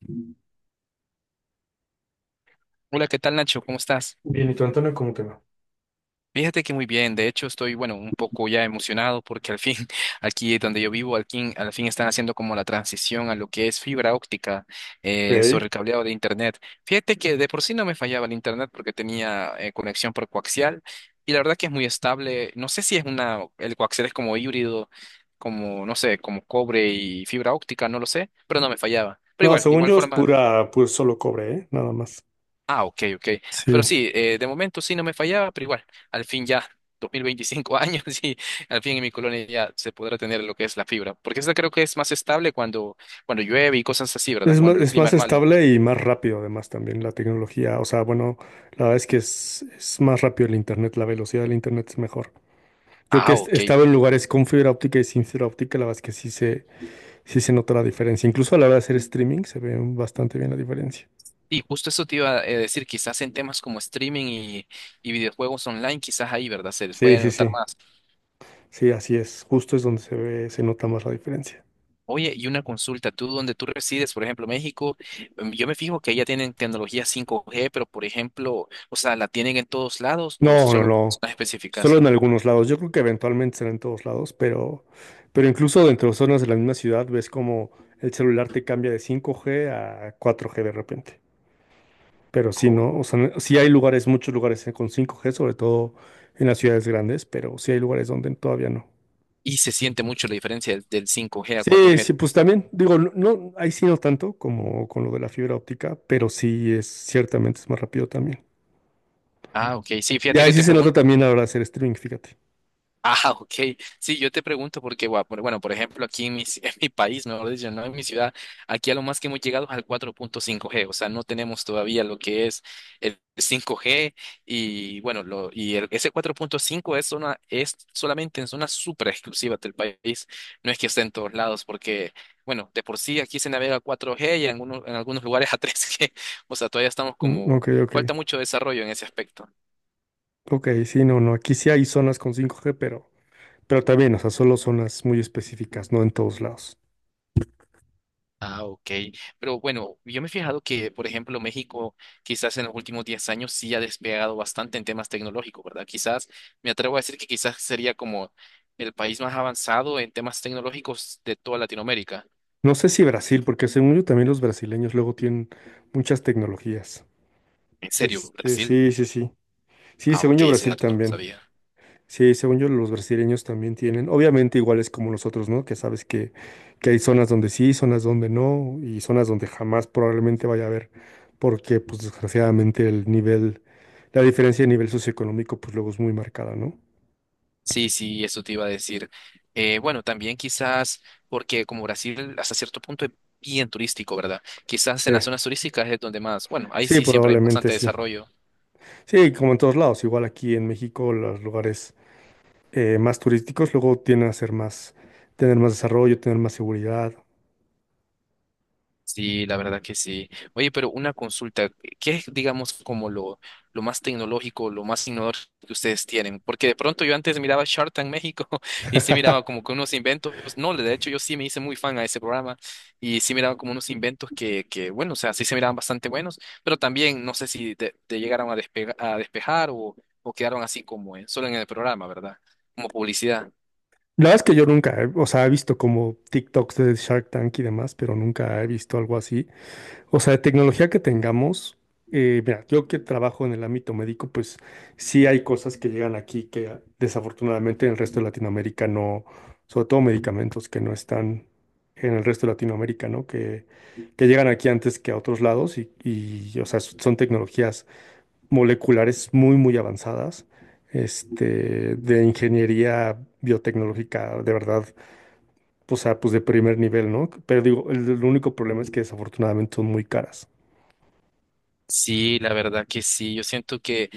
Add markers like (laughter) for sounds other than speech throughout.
Bien, Hola, ¿qué tal, Nacho? ¿Cómo estás? ¿y tú, Antonio, cómo te va? Fíjate que muy bien, de hecho estoy, bueno, un poco ya emocionado porque al fin, (laughs) aquí donde yo vivo, al fin están haciendo como la transición a lo que es fibra óptica sobre Ok. el cableado de Internet. Fíjate que de por sí no me fallaba el Internet porque tenía conexión por coaxial, y la verdad que es muy estable. No sé si es una, el coaxial es como híbrido, como, no sé, como cobre y fibra óptica, no lo sé, pero no me fallaba. Pero No, igual, de según igual yo es forma. pura, pues solo cobre, ¿eh? Nada más. Ah, ok, ok. Pero Sí. sí, de momento sí no me fallaba, pero igual, al fin ya, 2025 años (laughs) y al fin en mi colonia ya se podrá tener lo que es la fibra. Porque esa creo que es más estable cuando llueve y cosas así, ¿verdad? Cuando el Es clima más es malo. estable y más rápido además también la tecnología. O sea, bueno, la verdad es que es más rápido el internet, la velocidad del internet es mejor. Yo que Ah, ok. estaba en lugares con fibra óptica y sin fibra óptica, la verdad es que sí se nota la diferencia. Incluso a la hora de hacer streaming se ve bastante bien la diferencia. Y justo eso te iba a decir, quizás en temas como streaming y videojuegos online, quizás ahí, ¿verdad? Se les Sí, puede sí, notar sí. más. Sí, así es. Justo es donde se ve, se nota más la diferencia. Oye, y una consulta, tú donde tú resides, por ejemplo, México, yo me fijo que ya tienen tecnología 5G, pero por ejemplo, o sea, ¿la tienen en todos lados o No, no, solo no. zonas Solo específicas? en algunos lados. Yo creo que eventualmente será en todos lados, pero incluso dentro de zonas de la misma ciudad ves como el celular te cambia de 5G a 4G de repente. Pero Ah, sí, ok. no, o sea, sí hay lugares, muchos lugares con 5G, sobre todo en las ciudades grandes, pero sí hay lugares donde todavía no. Y se siente mucho la diferencia del 5G a cuatro Sí, g sí, pues también, digo, no, no, ahí sí no tanto como con lo de la fibra óptica, pero sí es, ciertamente es más rápido también. Ah, ok, sí, Y fíjate ahí que sí te se nota pregunto. también ahora hacer streaming, fíjate. Ah, ok. Sí, yo te pregunto porque, bueno, por ejemplo, aquí en (laughs) en mi país, mejor dicho, no en mi ciudad, aquí a lo más que hemos llegado es al 4.5G, o sea, no tenemos todavía lo que es el 5G, y, bueno, ese 4.5 es, zona, es solamente en zonas súper exclusivas del país, no es que esté en todos lados porque, bueno, de por sí aquí se navega 4G y en algunos lugares a 3G, (laughs) o sea, todavía estamos Mm, como, ok, ok. falta mucho desarrollo en ese aspecto. Ok, sí, no, no, aquí sí hay zonas con 5G, pero también, o sea, solo zonas muy específicas, no en todos lados. Ah, ok. Pero bueno, yo me he fijado que, por ejemplo, México quizás en los últimos 10 años sí ha despegado bastante en temas tecnológicos, ¿verdad? Quizás, me atrevo a decir que quizás sería como el país más avanzado en temas tecnológicos de toda Latinoamérica. No sé si Brasil, porque según yo también los brasileños luego tienen muchas tecnologías. ¿En serio, Brasil? Sí, sí, sí. Sí, Ah, según ok, yo ese Brasil dato no lo también. sabía. Sí, según yo los brasileños también tienen. Obviamente iguales como nosotros, ¿no? Que, sabes Que hay zonas donde sí, zonas donde no, y zonas donde jamás probablemente vaya a haber, porque pues desgraciadamente el nivel, la diferencia de nivel socioeconómico pues luego es muy marcada, ¿no? Sí, sí, eso te iba a decir. Bueno, también quizás porque como Brasil hasta cierto punto es bien turístico, ¿verdad? Quizás Sí. en las zonas turísticas es donde más, bueno, ahí Sí, sí siempre hay probablemente bastante sí. desarrollo. Sí, como en todos lados, igual aquí en México, los lugares más turísticos luego tienden a ser más, tener más desarrollo, tener más seguridad. Sí, la verdad que sí. Oye, pero una consulta, ¿qué es, digamos, como lo más tecnológico, lo más innovador que ustedes tienen? Porque de pronto yo antes miraba Shark Tank México (laughs) y sí miraba como que (laughs) unos inventos, no, de hecho yo sí me hice muy fan a ese programa y sí miraba como unos inventos que bueno, o sea, sí se miraban bastante buenos, pero también no sé si te llegaron a, a despejar, o quedaron así solo en el programa, ¿verdad? Como publicidad. La verdad es que yo nunca, o sea, he visto como TikToks de Shark Tank y demás, pero nunca he visto algo así. O sea, de tecnología que tengamos, mira, yo que trabajo en el ámbito médico, pues sí hay cosas que llegan aquí que desafortunadamente en el resto de Latinoamérica no, sobre todo medicamentos que no están en el resto de Latinoamérica, ¿no? Que llegan aquí antes que a otros lados y, o sea, son tecnologías moleculares muy, muy avanzadas, de ingeniería biotecnológica, de verdad, o sea, pues de primer nivel, ¿no? Pero digo, el único problema es que desafortunadamente son muy caras. Sí, la verdad que sí. Yo siento que,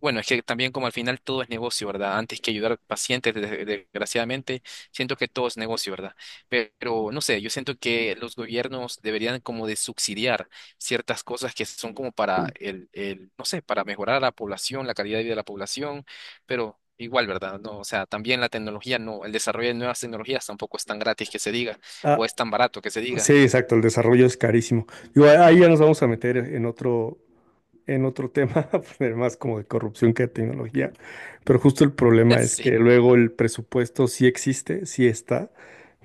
bueno, es que también como al final todo es negocio, ¿verdad? Antes que ayudar pacientes, desgraciadamente, siento que todo es negocio, ¿verdad? Pero, no sé, yo siento que los gobiernos deberían como de subsidiar ciertas cosas que son como para no sé, para mejorar a la población, la calidad de vida de la población, pero igual, ¿verdad? No, o sea, también la tecnología, no, el desarrollo de nuevas tecnologías tampoco es tan gratis que se diga, o A- es tan barato que se Sí, diga. exacto, el desarrollo es carísimo. Digo, ahí ya nos vamos a meter en otro tema, (laughs) pues, más como de corrupción que de tecnología, pero justo el (laughs) problema es que Sí. luego el presupuesto sí existe, sí está,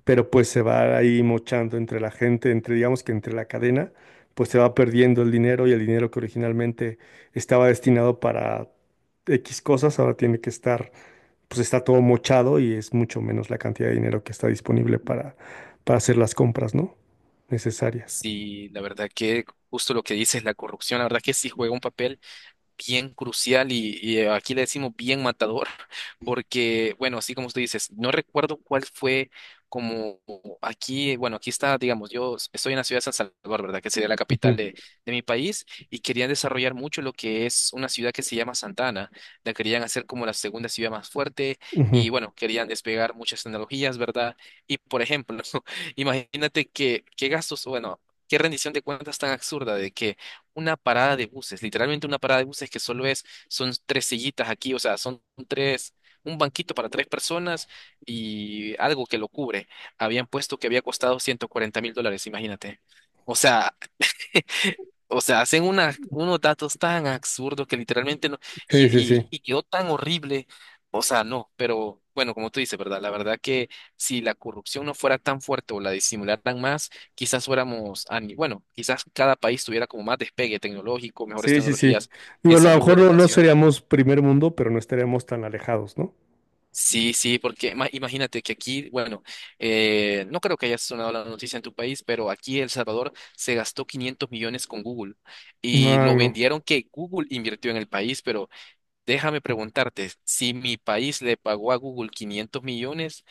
pero pues se va ahí mochando entre la gente, entre digamos que entre la cadena, pues se va perdiendo el dinero y el dinero que originalmente estaba destinado para X cosas, ahora tiene que estar, pues está todo mochado y es mucho menos la cantidad de dinero que está disponible para hacer las compras, ¿no? necesarias. Sí, la verdad que justo lo que dices, la corrupción, la verdad que sí juega un papel bien crucial, y, aquí le decimos bien matador, (laughs) porque, bueno, así como tú dices, no recuerdo cuál fue como aquí, bueno, aquí está, digamos, yo estoy en la ciudad de San Salvador, ¿verdad? Que sería la capital Ujú, de mi país, y querían desarrollar mucho lo que es una ciudad que se llama Santana, la querían hacer como la segunda ciudad más fuerte, ujú. y, bueno, querían despegar muchas tecnologías, ¿verdad? Y, por ejemplo, (laughs) imagínate que, qué gastos, bueno, qué rendición de cuentas tan absurda de que una parada de buses, literalmente una parada de buses que solo es, son tres sillitas aquí, o sea, son tres, un banquito para tres personas y algo que lo cubre. Habían puesto que había costado $140,000, imagínate. O sea, (laughs) o sea, hacen unos datos tan absurdos que literalmente no, y, Sí, sí, sí. y, y quedó tan horrible. O sea, no, pero bueno, como tú dices, ¿verdad? La verdad que si la corrupción no fuera tan fuerte o la disimularan más, quizás fuéramos, a ni- bueno, quizás cada país tuviera como más despegue tecnológico, mejores Sí, sí, sí. tecnologías Digo, en a lo salud, mejor no, no educación. seríamos primer mundo, pero no estaríamos tan alejados, ¿no? Sí, sí, porque imagínate que aquí, bueno, no creo que haya sonado la noticia en tu país, pero aquí El Salvador se gastó 500 millones con Google, y Ah, lo no. vendieron que Google invirtió en el país, pero déjame preguntarte, si mi país le pagó a Google 500 millones,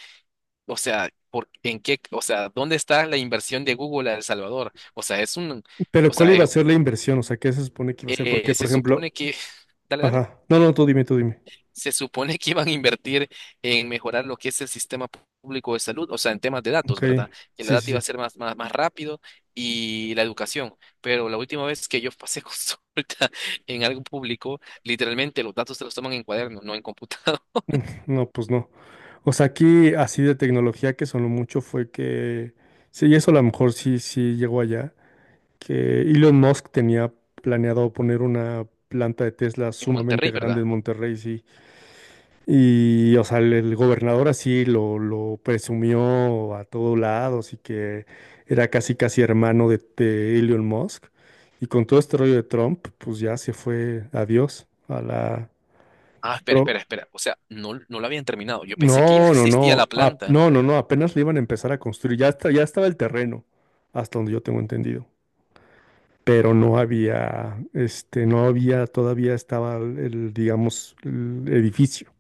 o sea, ¿por, en qué, o sea, dónde está la inversión de Google a El Salvador? O sea, es un, Pero o ¿cuál sea, iba a ser la inversión? O sea, ¿qué se supone que iba a ser? Porque, se por ejemplo, supone que, (laughs) dale, dale. ajá. No, no, tú dime, tú dime. Se supone que iban a invertir en mejorar lo que es el sistema público de salud, o sea, en temas de datos, Ok. ¿verdad? Que la Sí, sí, data iba a sí. ser más, más, más rápido, y la educación. Pero la última vez que yo pasé (laughs) consulta en algo público, literalmente los datos se los toman en cuaderno, no en computador, No, pues no. O sea, aquí así de tecnología que sonó mucho fue que, sí, y eso a lo mejor sí, sí llegó allá, que Elon Musk tenía planeado poner una planta de Tesla (laughs) en sumamente Monterrey, grande ¿verdad? en Monterrey, sí. Y, o sea, el gobernador así lo presumió a todos lados y que era casi, casi hermano de, Elon Musk. Y con todo este rollo de Trump, pues ya se fue, adiós, a la... Ah, espera, Pero, espera, espera. O sea, no, no lo habían terminado. Yo pensé que ya no, no, existía la no, planta. no, no, no, apenas le iban a empezar a construir, ya, ya estaba el terreno, hasta donde yo tengo entendido. Pero no había, este, no había, todavía estaba digamos, el edificio.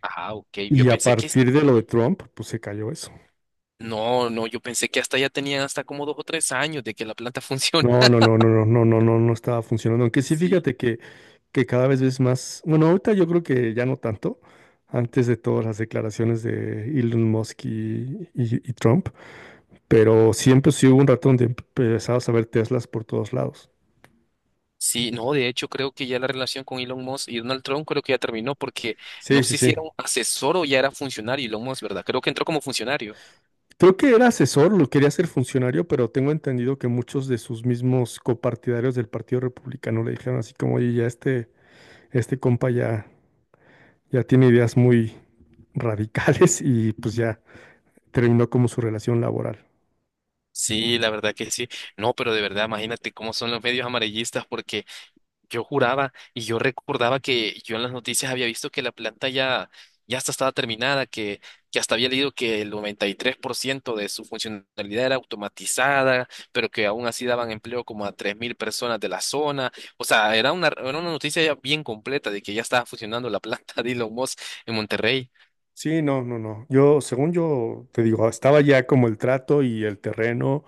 Ajá, ok. Yo Y a pensé que... partir de lo de Trump, pues se cayó eso. No, no, yo pensé que hasta ya tenían hasta como 2 o 3 años de que la planta (laughs) funciona. No, no, no, no, no, no, no, no, no estaba funcionando. Aunque sí, Sí. fíjate que, cada vez ves más. Bueno, ahorita yo creo que ya no tanto. Antes de todas las declaraciones de Elon Musk y, y Trump. Pero siempre sí hubo un rato donde empezabas a ver Teslas por todos lados. Sí, no, de hecho creo que ya la relación con Elon Musk y Donald Trump creo que ya terminó porque no Sí, sí, sé si sí. era un asesor o ya era funcionario Elon Musk, ¿verdad? Creo que entró como funcionario. Creo que era asesor, lo quería ser funcionario, pero tengo entendido que muchos de sus mismos copartidarios del Partido Republicano le dijeron así como, oye, ya este compa ya tiene ideas muy radicales y pues ya. Terminó como su relación laboral. Sí, la verdad que sí. No, pero de verdad, imagínate cómo son los medios amarillistas porque yo juraba y yo recordaba que yo en las noticias había visto que la planta ya hasta estaba terminada, que hasta había leído que el 93% de su funcionalidad era automatizada, pero que aún así daban empleo como a 3,000 personas de la zona. O sea, era una noticia ya bien completa de que ya estaba funcionando la (laughs) planta de Elon Musk en Monterrey. Sí, no, no, no. Yo, según yo, te digo, estaba ya como el trato y el terreno.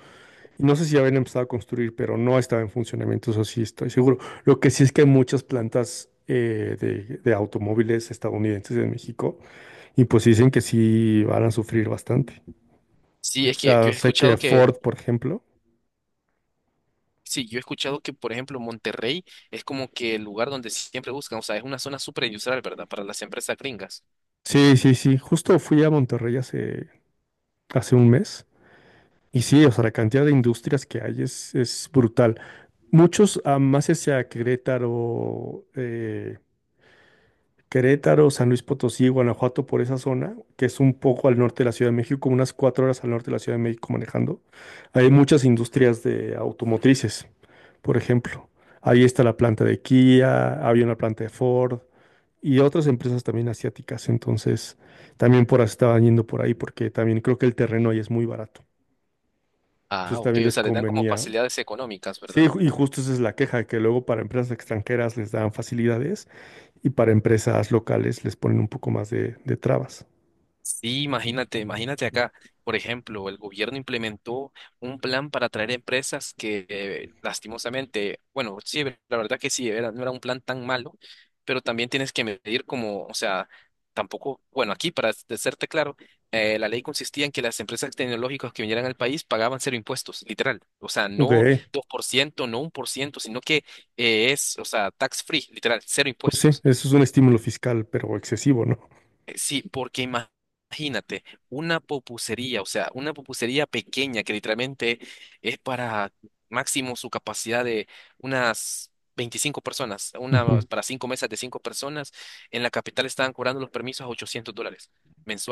No sé si ya habían empezado a construir, pero no estaba en funcionamiento, eso sí estoy seguro. Lo que sí es que hay muchas plantas de, automóviles estadounidenses en México y pues dicen que sí van a sufrir bastante. Sí, O es que yo sea, he sé escuchado que que... Ford, por ejemplo. Sí, yo he escuchado que, por ejemplo, Monterrey es como que el lugar donde siempre buscan, o sea, es una zona súper industrial, ¿verdad? Para las empresas gringas. Sí, sí, sí. Justo fui a Monterrey hace un mes. Y sí, o sea, la cantidad de industrias que hay es brutal. Muchos más hacia Querétaro, Querétaro, San Luis Potosí, Guanajuato, por esa zona, que es un poco al norte de la Ciudad de México, unas 4 horas al norte de la Ciudad de México manejando. Hay muchas industrias de automotrices, por ejemplo. Ahí está la planta de Kia, había una planta de Ford y otras empresas también asiáticas. Entonces, también por ahí estaban yendo por ahí porque también creo que el terreno ahí es muy barato. Ah, Entonces, ok, también o les sea, les dan como convenía. facilidades económicas, Sí, ¿verdad? Y justo esa es la queja, que luego para empresas extranjeras les dan facilidades y para empresas locales les ponen un poco más de, trabas. Sí, imagínate, imagínate acá, por ejemplo, el gobierno implementó un plan para atraer empresas que lastimosamente, bueno, sí, la verdad que sí, no era un plan tan malo, pero también tienes que medir como, o sea, tampoco, bueno, aquí para serte claro, la ley consistía en que las empresas tecnológicas que vinieran al país pagaban cero impuestos, literal, o sea, Ok, no 2%, no 1%, sino que es, o sea, tax free, literal, cero pues sí, impuestos. eso es un estímulo fiscal, pero excesivo, ¿no? Sí, porque imagínate, una popucería, o sea, una popucería pequeña que literalmente es para máximo su capacidad de unas 25 personas, una Ujú, para cinco mesas de cinco personas, en la capital estaban cobrando los permisos a $800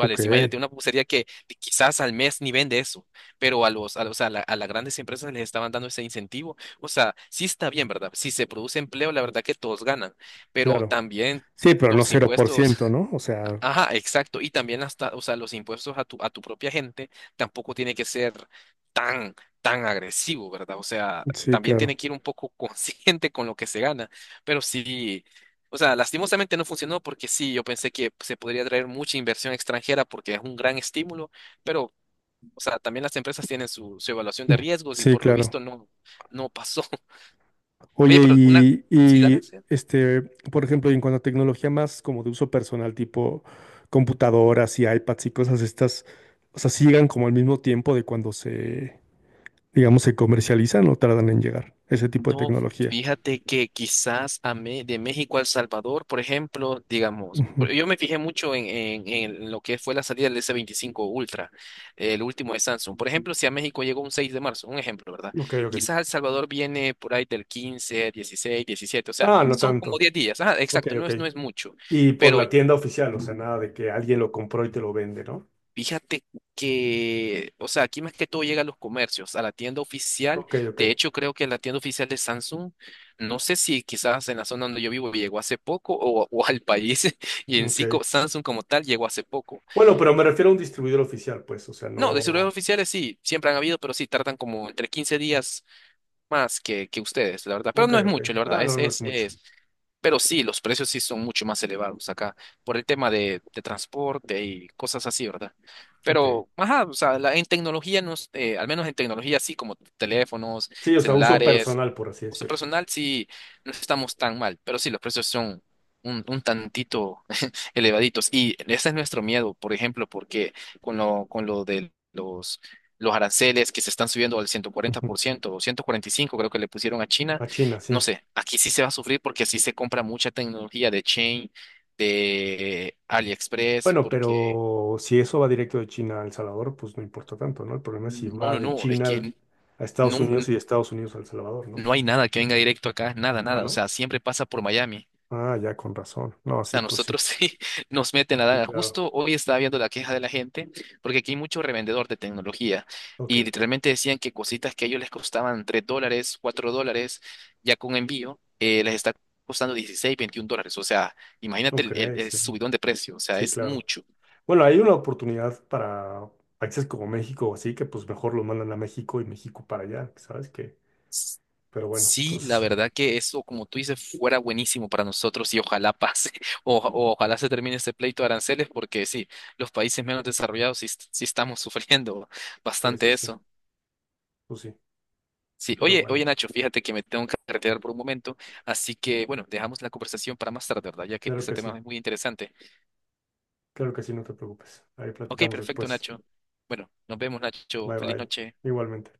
ok, Imagínate, una pupusería que quizás al mes ni vende eso, pero a los, a los, a la- a las grandes empresas les estaban dando ese incentivo. O sea, sí está bien, ¿verdad? Si se produce empleo, la verdad que todos ganan, pero claro. también Sí, pero no los cero por impuestos. ciento, ¿no? O sea, Ajá, exacto. Y también hasta, o sea, los impuestos a tu propia gente tampoco tiene que ser tan, tan agresivo, ¿verdad? O sea, sí, también tiene claro, que ir un poco (laughs) consciente con lo que se gana. Pero sí, o sea, lastimosamente no funcionó porque sí, yo pensé que se podría traer mucha inversión extranjera porque es un gran estímulo, pero, o sea, también las empresas tienen su evaluación de riesgos y sí, por lo visto claro. no, no pasó. (laughs) Oye, Oye, pero una... y, Sí, dale. y Sí. Por ejemplo, en cuanto a tecnología más como de uso personal, tipo computadoras y iPads y cosas estas, o sea, sigan como al mismo tiempo de cuando se digamos, se comercializan o tardan en llegar, ese tipo de No, tecnología. fíjate que quizás de México a El Salvador, por ejemplo, digamos, Ujú. Yo me fijé mucho en lo que fue la salida del S25 Ultra, el último de Samsung. Por ejemplo, si a México llegó un 6 de marzo, un ejemplo, ¿verdad? Ok, ok. Quizás a El Salvador viene por ahí del 15, 16, 17, o sea, Ah, no son como tanto. 10 días. Ajá, Ok, exacto, no ok. es, no es mucho, Y por pero la tienda oficial, o sea, nada de que alguien lo compró y te lo vende, ¿no? fíjate que, o sea, aquí más que todo llega a los comercios, a la tienda oficial. Ok, De ok. hecho, creo que la tienda oficial de Samsung, no sé si quizás en la zona donde yo vivo llegó hace poco, o al país, (laughs) y en Ok. sí Samsung como tal llegó hace poco. Bueno, pero me refiero a un distribuidor oficial, pues, o sea, No, de celulares no. oficiales sí, siempre han habido, pero sí tardan como entre 15 días más que ustedes, la verdad. Pero Ok, no es ok. mucho, la verdad, Ah, no, no es es, mucho. es. Pero sí, los precios sí son mucho más elevados acá por el tema de transporte y cosas así, ¿verdad? Ok. Pero, ajá, o sea, en tecnología, al menos en tecnología, sí, como teléfonos, Sí, o sea, uso celulares, personal, por así uso decirlo. personal, sí, no estamos tan mal, pero sí, los precios son un tantito (laughs) elevaditos. Y ese es nuestro miedo, por ejemplo, porque con lo de los aranceles que se están subiendo al ciento cuarenta Ujú. por ciento o 145, creo que le pusieron a China. A China, No sí. sé, aquí sí se va a sufrir porque sí se compra mucha tecnología de Chain, de AliExpress, Bueno, porque pero si eso va directo de China a El Salvador, pues no importa tanto, ¿no? El problema es si no, va no, de no, es China que a Estados no, no, Unidos y de Estados Unidos a El Salvador, ¿no? no hay nada que venga directo acá, nada, Ah, nada, o ¿no? sea, siempre pasa por Miami. Ah, ya, con razón. No, O sí, sea, pues sí. nosotros (laughs) sí nos meten la Sí, daga. claro. Justo hoy estaba viendo la queja de la gente, porque aquí hay mucho revendedor de tecnología Ok, y literalmente decían que cositas que a ellos les costaban $3, $4, ya con envío, les está costando 16, 21 dólares. O sea, imagínate el, ok, el- el sí. subidón de precio, o sea, Sí, es claro. mucho. Bueno, hay una oportunidad para países como México o así, que pues mejor lo mandan a México y México para allá, ¿sabes qué? S- Pero bueno, Sí, la pues verdad que eso, como tú dices, fuera buenísimo para nosotros y ojalá pase, (laughs) o ojalá se termine este pleito de aranceles, porque sí, los países menos desarrollados sí estamos (laughs) sufriendo sí, sí, bastante sí, eso. pues sí. Sí, Pero oye, oye bueno, Nacho, fíjate que me tengo que retirar por un momento, así que bueno, dejamos la conversación para más tarde, ¿verdad? Ya que claro este que tema sí, es muy interesante. claro que sí, no te preocupes. Ahí Ok, platicamos perfecto, después. Nacho. Bueno, nos vemos, Nacho. Bye, Feliz bye. noche. Igualmente.